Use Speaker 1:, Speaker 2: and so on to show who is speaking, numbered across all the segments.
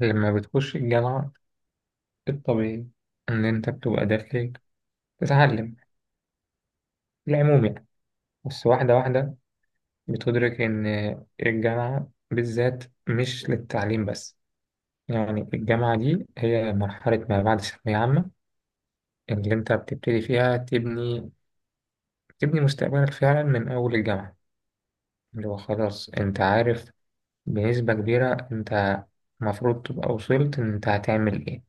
Speaker 1: لما بتخش الجامعة، الطبيعي إن أنت بتبقى داخل تتعلم في العموم، يعني بس واحدة واحدة بتدرك إن الجامعة بالذات مش للتعليم بس. يعني الجامعة دي هي مرحلة ما بعد ثانوية عامة اللي أنت بتبتدي فيها تبني مستقبلك فعلا من أول الجامعة، اللي هو خلاص أنت عارف بنسبة كبيرة أنت المفروض تبقى وصلت إن أنت هتعمل إيه.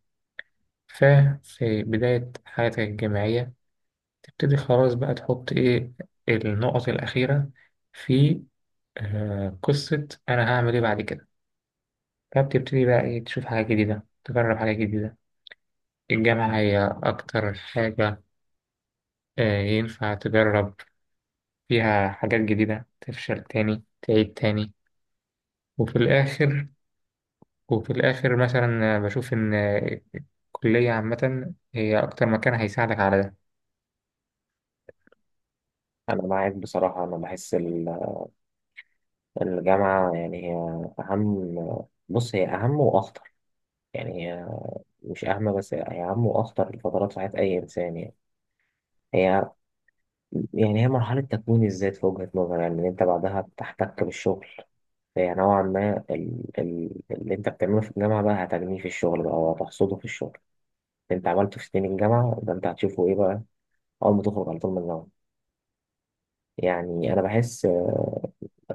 Speaker 1: ففي بداية حياتك الجامعية تبتدي خلاص بقى تحط ايه النقط الأخيرة في قصة أنا هعمل ايه بعد كده. فبتبتدي بقى ايه، تشوف حاجة جديدة، تجرب حاجة جديدة. الجامعة هي أكتر حاجة ينفع تجرب فيها حاجات جديدة، تفشل تاني، تعيد تاني. وفي الآخر وفي الآخر مثلا بشوف إن الكلية عامة هي أكتر مكان هيساعدك على ده.
Speaker 2: أنا معاك بصراحة. أنا بحس الجامعة يعني هي أهم. بص هي أهم وأخطر، يعني هي مش أهم، بس هي أهم وأخطر الفترات في حياة أي إنسان يعني. هي يعني هي مرحلة تكوين الذات في وجهة نظري، يعني إن أنت بعدها بتحتك بالشغل. فهي نوعا ما اللي أنت بتعمله في الجامعة بقى هتجنيه في الشغل بقى، وهتحصده في الشغل. اللي أنت عملته في سنين الجامعة ده أنت هتشوفه إيه بقى أول ما تخرج على طول من الجامعة؟ يعني أنا بحس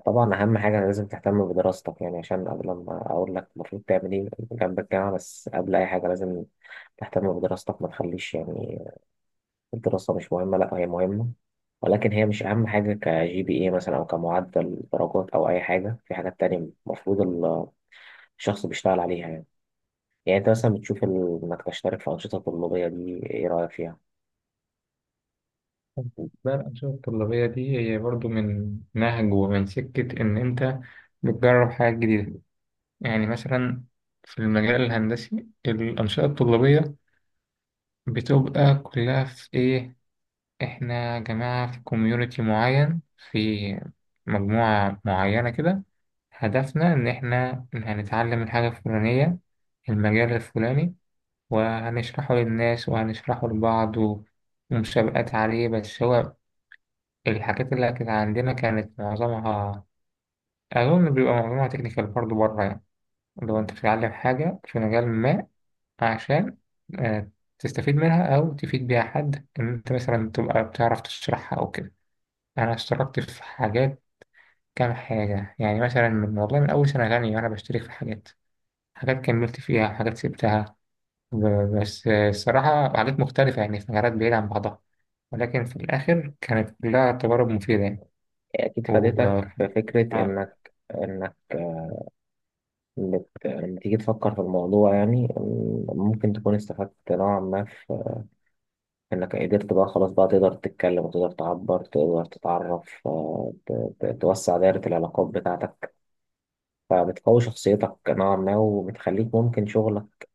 Speaker 2: طبعا أهم حاجة لازم تهتم بدراستك، يعني عشان قبل ما أقول لك المفروض تعمل إيه جنب الجامعة، بس قبل أي حاجة لازم تهتم بدراستك. ما تخليش يعني الدراسة مش مهمة، لأ هي مهمة، ولكن هي مش أهم حاجة كGPA مثلا أو كمعدل درجات أو أي حاجة. في حاجات تانية المفروض الشخص بيشتغل عليها يعني. يعني أنت مثلا بتشوف إنك تشترك في أنشطة طلابية، دي إيه رأيك فيها؟
Speaker 1: بقى الأنشطة الطلابية دي هي برضو من نهج ومن سكة إن أنت بتجرب حاجات جديدة. يعني مثلا في المجال الهندسي الأنشطة الطلابية بتبقى كلها في إيه، إحنا يا جماعة في كوميونيتي معين، في مجموعة معينة كده، هدفنا إن إحنا هنتعلم الحاجة الفلانية، المجال الفلاني، وهنشرحه للناس وهنشرحه لبعض ومسابقات عليه. بس هو الحاجات اللي كانت عندنا كانت معظمها، أظن بيبقى معظمها تكنيكال برضه، بره يعني. لو أنت بتتعلم حاجة في مجال ما عشان آه، تستفيد منها أو تفيد بيها حد، إن أنت مثلا تبقى بتعرف تشرحها أو كده. أنا اشتركت في حاجات، كام حاجة يعني، مثلا من والله من أول سنة تانية وأنا بشترك في حاجات، حاجات كملت فيها، حاجات سبتها، بس الصراحة حاجات مختلفة يعني في مجالات بعيدة عن بعضها، ولكن في الآخر كانت كلها تجارب مفيدة يعني.
Speaker 2: أكيد
Speaker 1: و...
Speaker 2: فادتك في فكرة
Speaker 1: آه،
Speaker 2: إنك لما تيجي تفكر في الموضوع، يعني ممكن تكون استفدت نوعا ما في إنك قدرت بقى خلاص بقى تقدر تتكلم، وتقدر تعبر، تقدر تتعرف، توسع دائرة العلاقات بتاعتك، فبتقوي شخصيتك نوعا ما، وبتخليك ممكن شغلك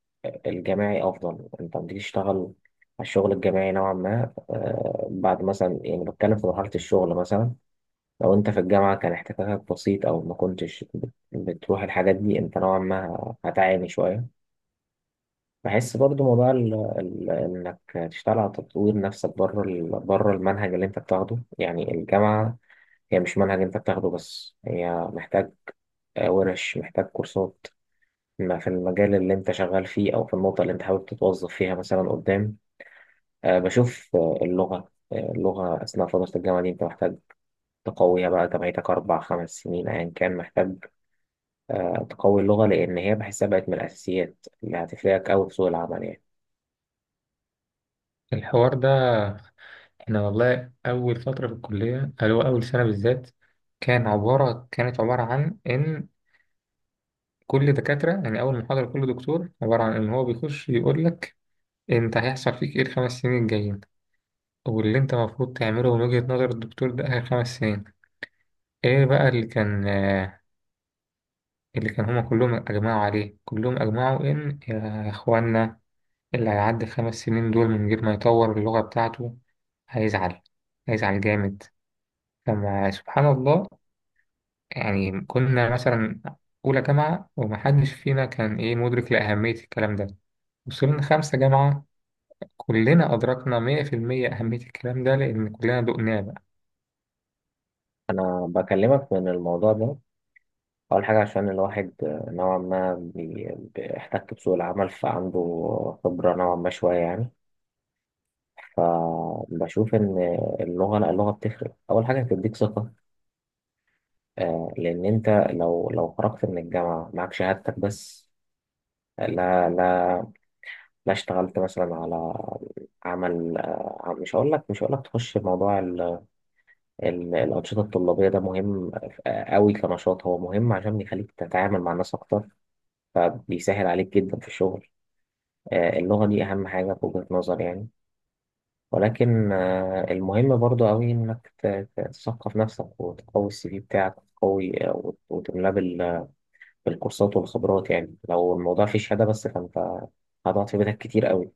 Speaker 2: الجماعي أفضل. أنت لما تيجي تشتغل على الشغل الجماعي نوعا ما، بعد مثلا، يعني بتكلم في مرحلة الشغل مثلا، لو انت في الجامعة كان احتكاكك بسيط او ما كنتش بتروح الحاجات دي، انت نوعا ما هتعاني شوية. بحس برضو موضوع ال ال انك تشتغل على تطوير نفسك بره بره المنهج اللي انت بتاخده. يعني الجامعة هي مش منهج انت بتاخده بس، هي محتاج ورش، محتاج كورسات ما في المجال اللي انت شغال فيه، او في النقطة اللي انت حابب تتوظف فيها مثلا قدام. بشوف اللغة، اللغة أثناء فترة الجامعة دي أنت محتاج تقويها بقى. أنت بقيتك أربع خمس سنين أيا كان، محتاج تقوي اللغة، لأن هي بحسها بقت من الأساسيات اللي هتفرقك أوي في سوق العمل يعني.
Speaker 1: الحوار ده احنا والله اول فتره في الكليه، اللي هو اول سنه بالذات، كانت عباره عن ان كل دكاتره، يعني اول محاضره، كل دكتور عباره عن ان هو بيخش يقول لك: انت هيحصل فيك ايه الـ5 سنين الجايين، واللي انت المفروض تعمله من وجهه نظر الدكتور ده اخر 5 سنين. ايه بقى اللي كان هما كلهم اجمعوا عليه، كلهم اجمعوا ان يا اخوانا اللي هيعدي الـ5 سنين دول من غير ما يطور اللغه بتاعته هيزعل، هيزعل جامد. لما سبحان الله، يعني كنا مثلا أولى جامعة ومحدش فينا كان إيه مدرك لأهمية الكلام ده. وصلنا 5 جامعة، كلنا أدركنا 100% أهمية الكلام ده لأن كلنا دقناه بقى.
Speaker 2: أنا بكلمك من الموضوع ده، أول حاجة عشان الواحد نوعا ما بيحتك بسوق العمل، فعنده خبرة نوعا ما شوية يعني. فبشوف إن اللغة، لا اللغة بتفرق. أول حاجة بتديك ثقة، لأن أنت لو خرجت من الجامعة معاك شهادتك بس، لا، لا، لا، اشتغلت مثلا على عمل. مش هقول لك، تخش موضوع الأنشطة الطلابية. ده مهم أوي كنشاط، هو مهم عشان بيخليك تتعامل مع الناس أكتر، فبيسهل عليك جدا في الشغل. اللغة دي أهم حاجة في وجهة نظري يعني. ولكن المهم برضو أوي إنك تثقف نفسك، وتقوي الCV بتاعك، وتقوي وتملاه بالكورسات والخبرات. يعني لو الموضوع فيه شهادة بس، فأنت هتقعد في بيتك كتير أوي.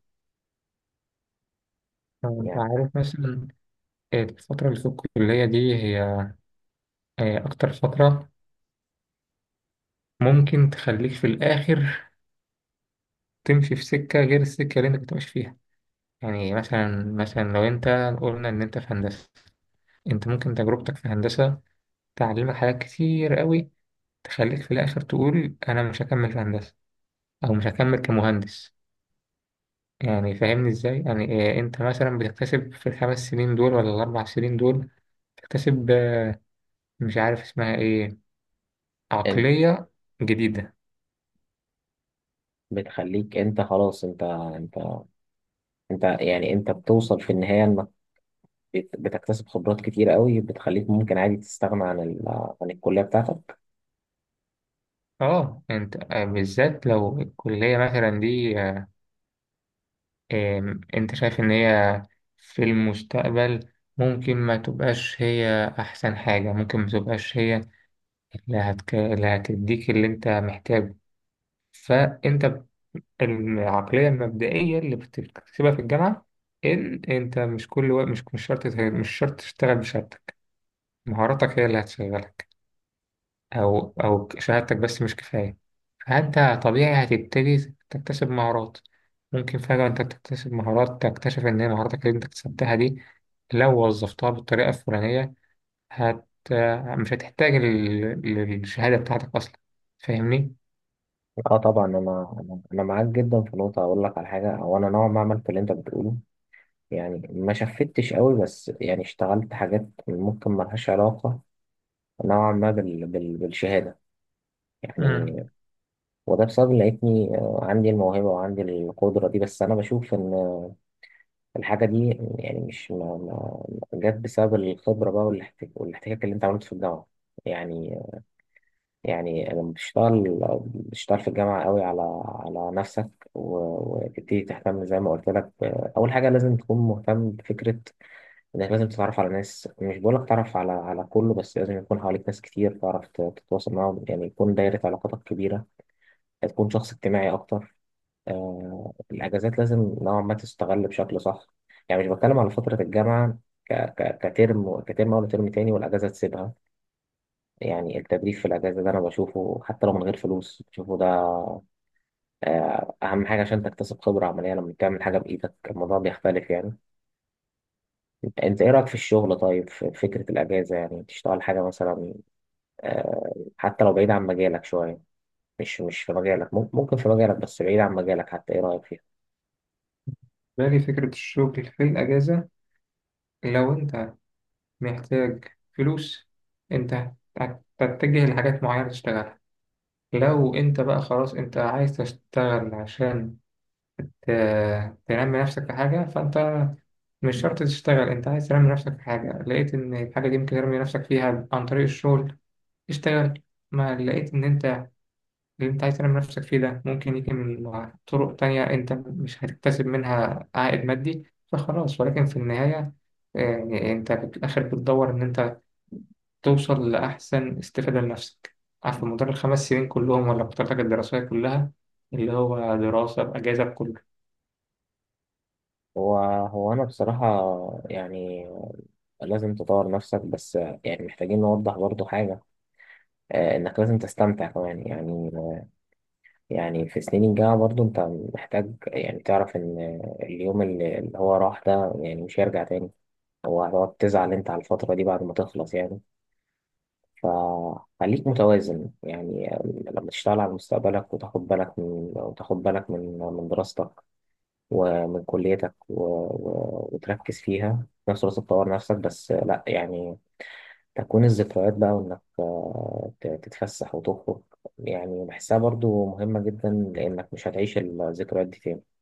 Speaker 1: أنت
Speaker 2: يعني
Speaker 1: عارف مثلا الفترة اللي في الكلية دي هي أكتر فترة ممكن تخليك في الآخر تمشي في سكة غير السكة اللي أنت كنت ماشي فيها. يعني مثلا، لو أنت قلنا إن أنت في هندسة، أنت ممكن تجربتك في هندسة تعلمك حاجات كتير قوي، تخليك في الآخر تقول أنا مش هكمل في هندسة، أو مش هكمل كمهندس. يعني فاهمني إزاي؟ يعني إيه، أنت مثلا بتكتسب في الـ5 سنين دول ولا الـ4 سنين دول، تكتسب مش عارف اسمها إيه،
Speaker 2: أنت
Speaker 1: عقلية جديدة.
Speaker 2: بتخليك، أنت خلاص أنت، أنت يعني أنت بتوصل في النهاية، بتكتسب خبرات كتير قوي، بتخليك ممكن عادي تستغنى عن عن الكلية بتاعتك.
Speaker 1: اه، انت بالذات لو الكلية مثلا دي آه، آم، انت شايف ان هي في المستقبل ممكن ما تبقاش هي احسن حاجة، ممكن ما تبقاش هي اللي هتديك اللي انت محتاجه. فانت العقلية المبدئية اللي بتكتسبها في الجامعة إن أنت مش كل وقت، مش شرط تشتغل بشهادتك. مهاراتك هي اللي هتشغلك، أو شهادتك بس مش كفاية. فأنت طبيعي هتبتدي تكتسب مهارات، ممكن فجأة أنت تكتسب مهارات تكتشف إن هي مهاراتك اللي أنت اكتسبتها دي، لو وظفتها بالطريقة الفلانية هت مش هتحتاج للشهادة بتاعتك أصلا. فاهمني؟
Speaker 2: اه طبعا انا، أنا معاك جدا في نقطة. اقول لك على حاجة، او انا نوعا ما عملت اللي انت بتقوله، يعني ما شفتش قوي بس، يعني اشتغلت حاجات ممكن ملهاش علاقة نوعا ما بالشهادة يعني.
Speaker 1: امم
Speaker 2: وده بسبب إن لقيتني عندي الموهبة وعندي القدرة دي، بس انا بشوف ان الحاجة دي يعني مش ما... ما... جت بسبب الخبرة بقى، والاحتكاك اللي انت عملته في الجامعة يعني. يعني لما بتشتغل، في الجامعة قوي على نفسك، وتبتدي تهتم زي ما قلت لك أول حاجة لازم تكون مهتم بفكرة إنك لازم تتعرف على ناس. مش بقولك تعرف على كله، بس لازم يكون حواليك ناس كتير تعرف تتواصل معاهم، يعني يكون دايرة علاقاتك كبيرة، تكون شخص اجتماعي أكتر. آه، الأجازات لازم نوعا ما تستغل بشكل صح. يعني مش بتكلم على فترة الجامعة كترم أول وترم تاني والأجازة تسيبها. يعني التدريب في الأجازة ده أنا بشوفه حتى لو من غير فلوس. بشوفه ده أهم حاجة عشان تكتسب خبرة عملية. لما بتعمل حاجة بإيدك الموضوع بيختلف يعني. أنت إيه رأيك في الشغل؟ طيب في فكرة الأجازة، يعني تشتغل حاجة مثلا حتى لو بعيد عن مجالك شوية، مش في مجالك، ممكن في مجالك بس بعيد عن مجالك حتى، إيه رأيك فيها؟
Speaker 1: باقي فكرة الشغل في الأجازة. لو أنت محتاج فلوس، أنت هتتجه لحاجات معينة تشتغلها. لو أنت بقى خلاص أنت عايز تشتغل عشان تنمي نفسك في حاجة، فأنت مش شرط تشتغل. أنت عايز تنمي نفسك في حاجة، لقيت إن الحاجة دي ممكن تنمي نفسك فيها عن طريق الشغل، اشتغل. ما لقيت إن أنت اللي أنت عايز تنمي نفسك فيه ده ممكن يجي من طرق تانية أنت مش هتكتسب منها عائد مادي، فخلاص، ولكن في النهاية يعني أنت في الآخر بتدور إن أنت توصل لأحسن استفادة لنفسك. عارف، مدار الـ5 سنين كلهم ولا بطاقتك الدراسية كلها، اللي هو دراسة بأجازة.
Speaker 2: هو، أنا بصراحة يعني لازم تطور نفسك بس. يعني محتاجين نوضح برضو حاجة، إنك لازم تستمتع كمان يعني. يعني في سنين الجامعة برضو أنت محتاج يعني تعرف إن اليوم اللي هو راح ده يعني مش هيرجع تاني. هو هتقعد تزعل أنت على الفترة دي بعد ما تخلص يعني، فخليك متوازن يعني. لما تشتغل على مستقبلك، وتاخد بالك من، من دراستك، ومن كليتك، وتركز فيها، في نفس الوقت تطور نفسك. بس لأ يعني تكوين الذكريات بقى، وإنك تتفسح وتخرج، يعني بحسها برضو مهمة جدا، لأنك مش هتعيش الذكريات دي تاني.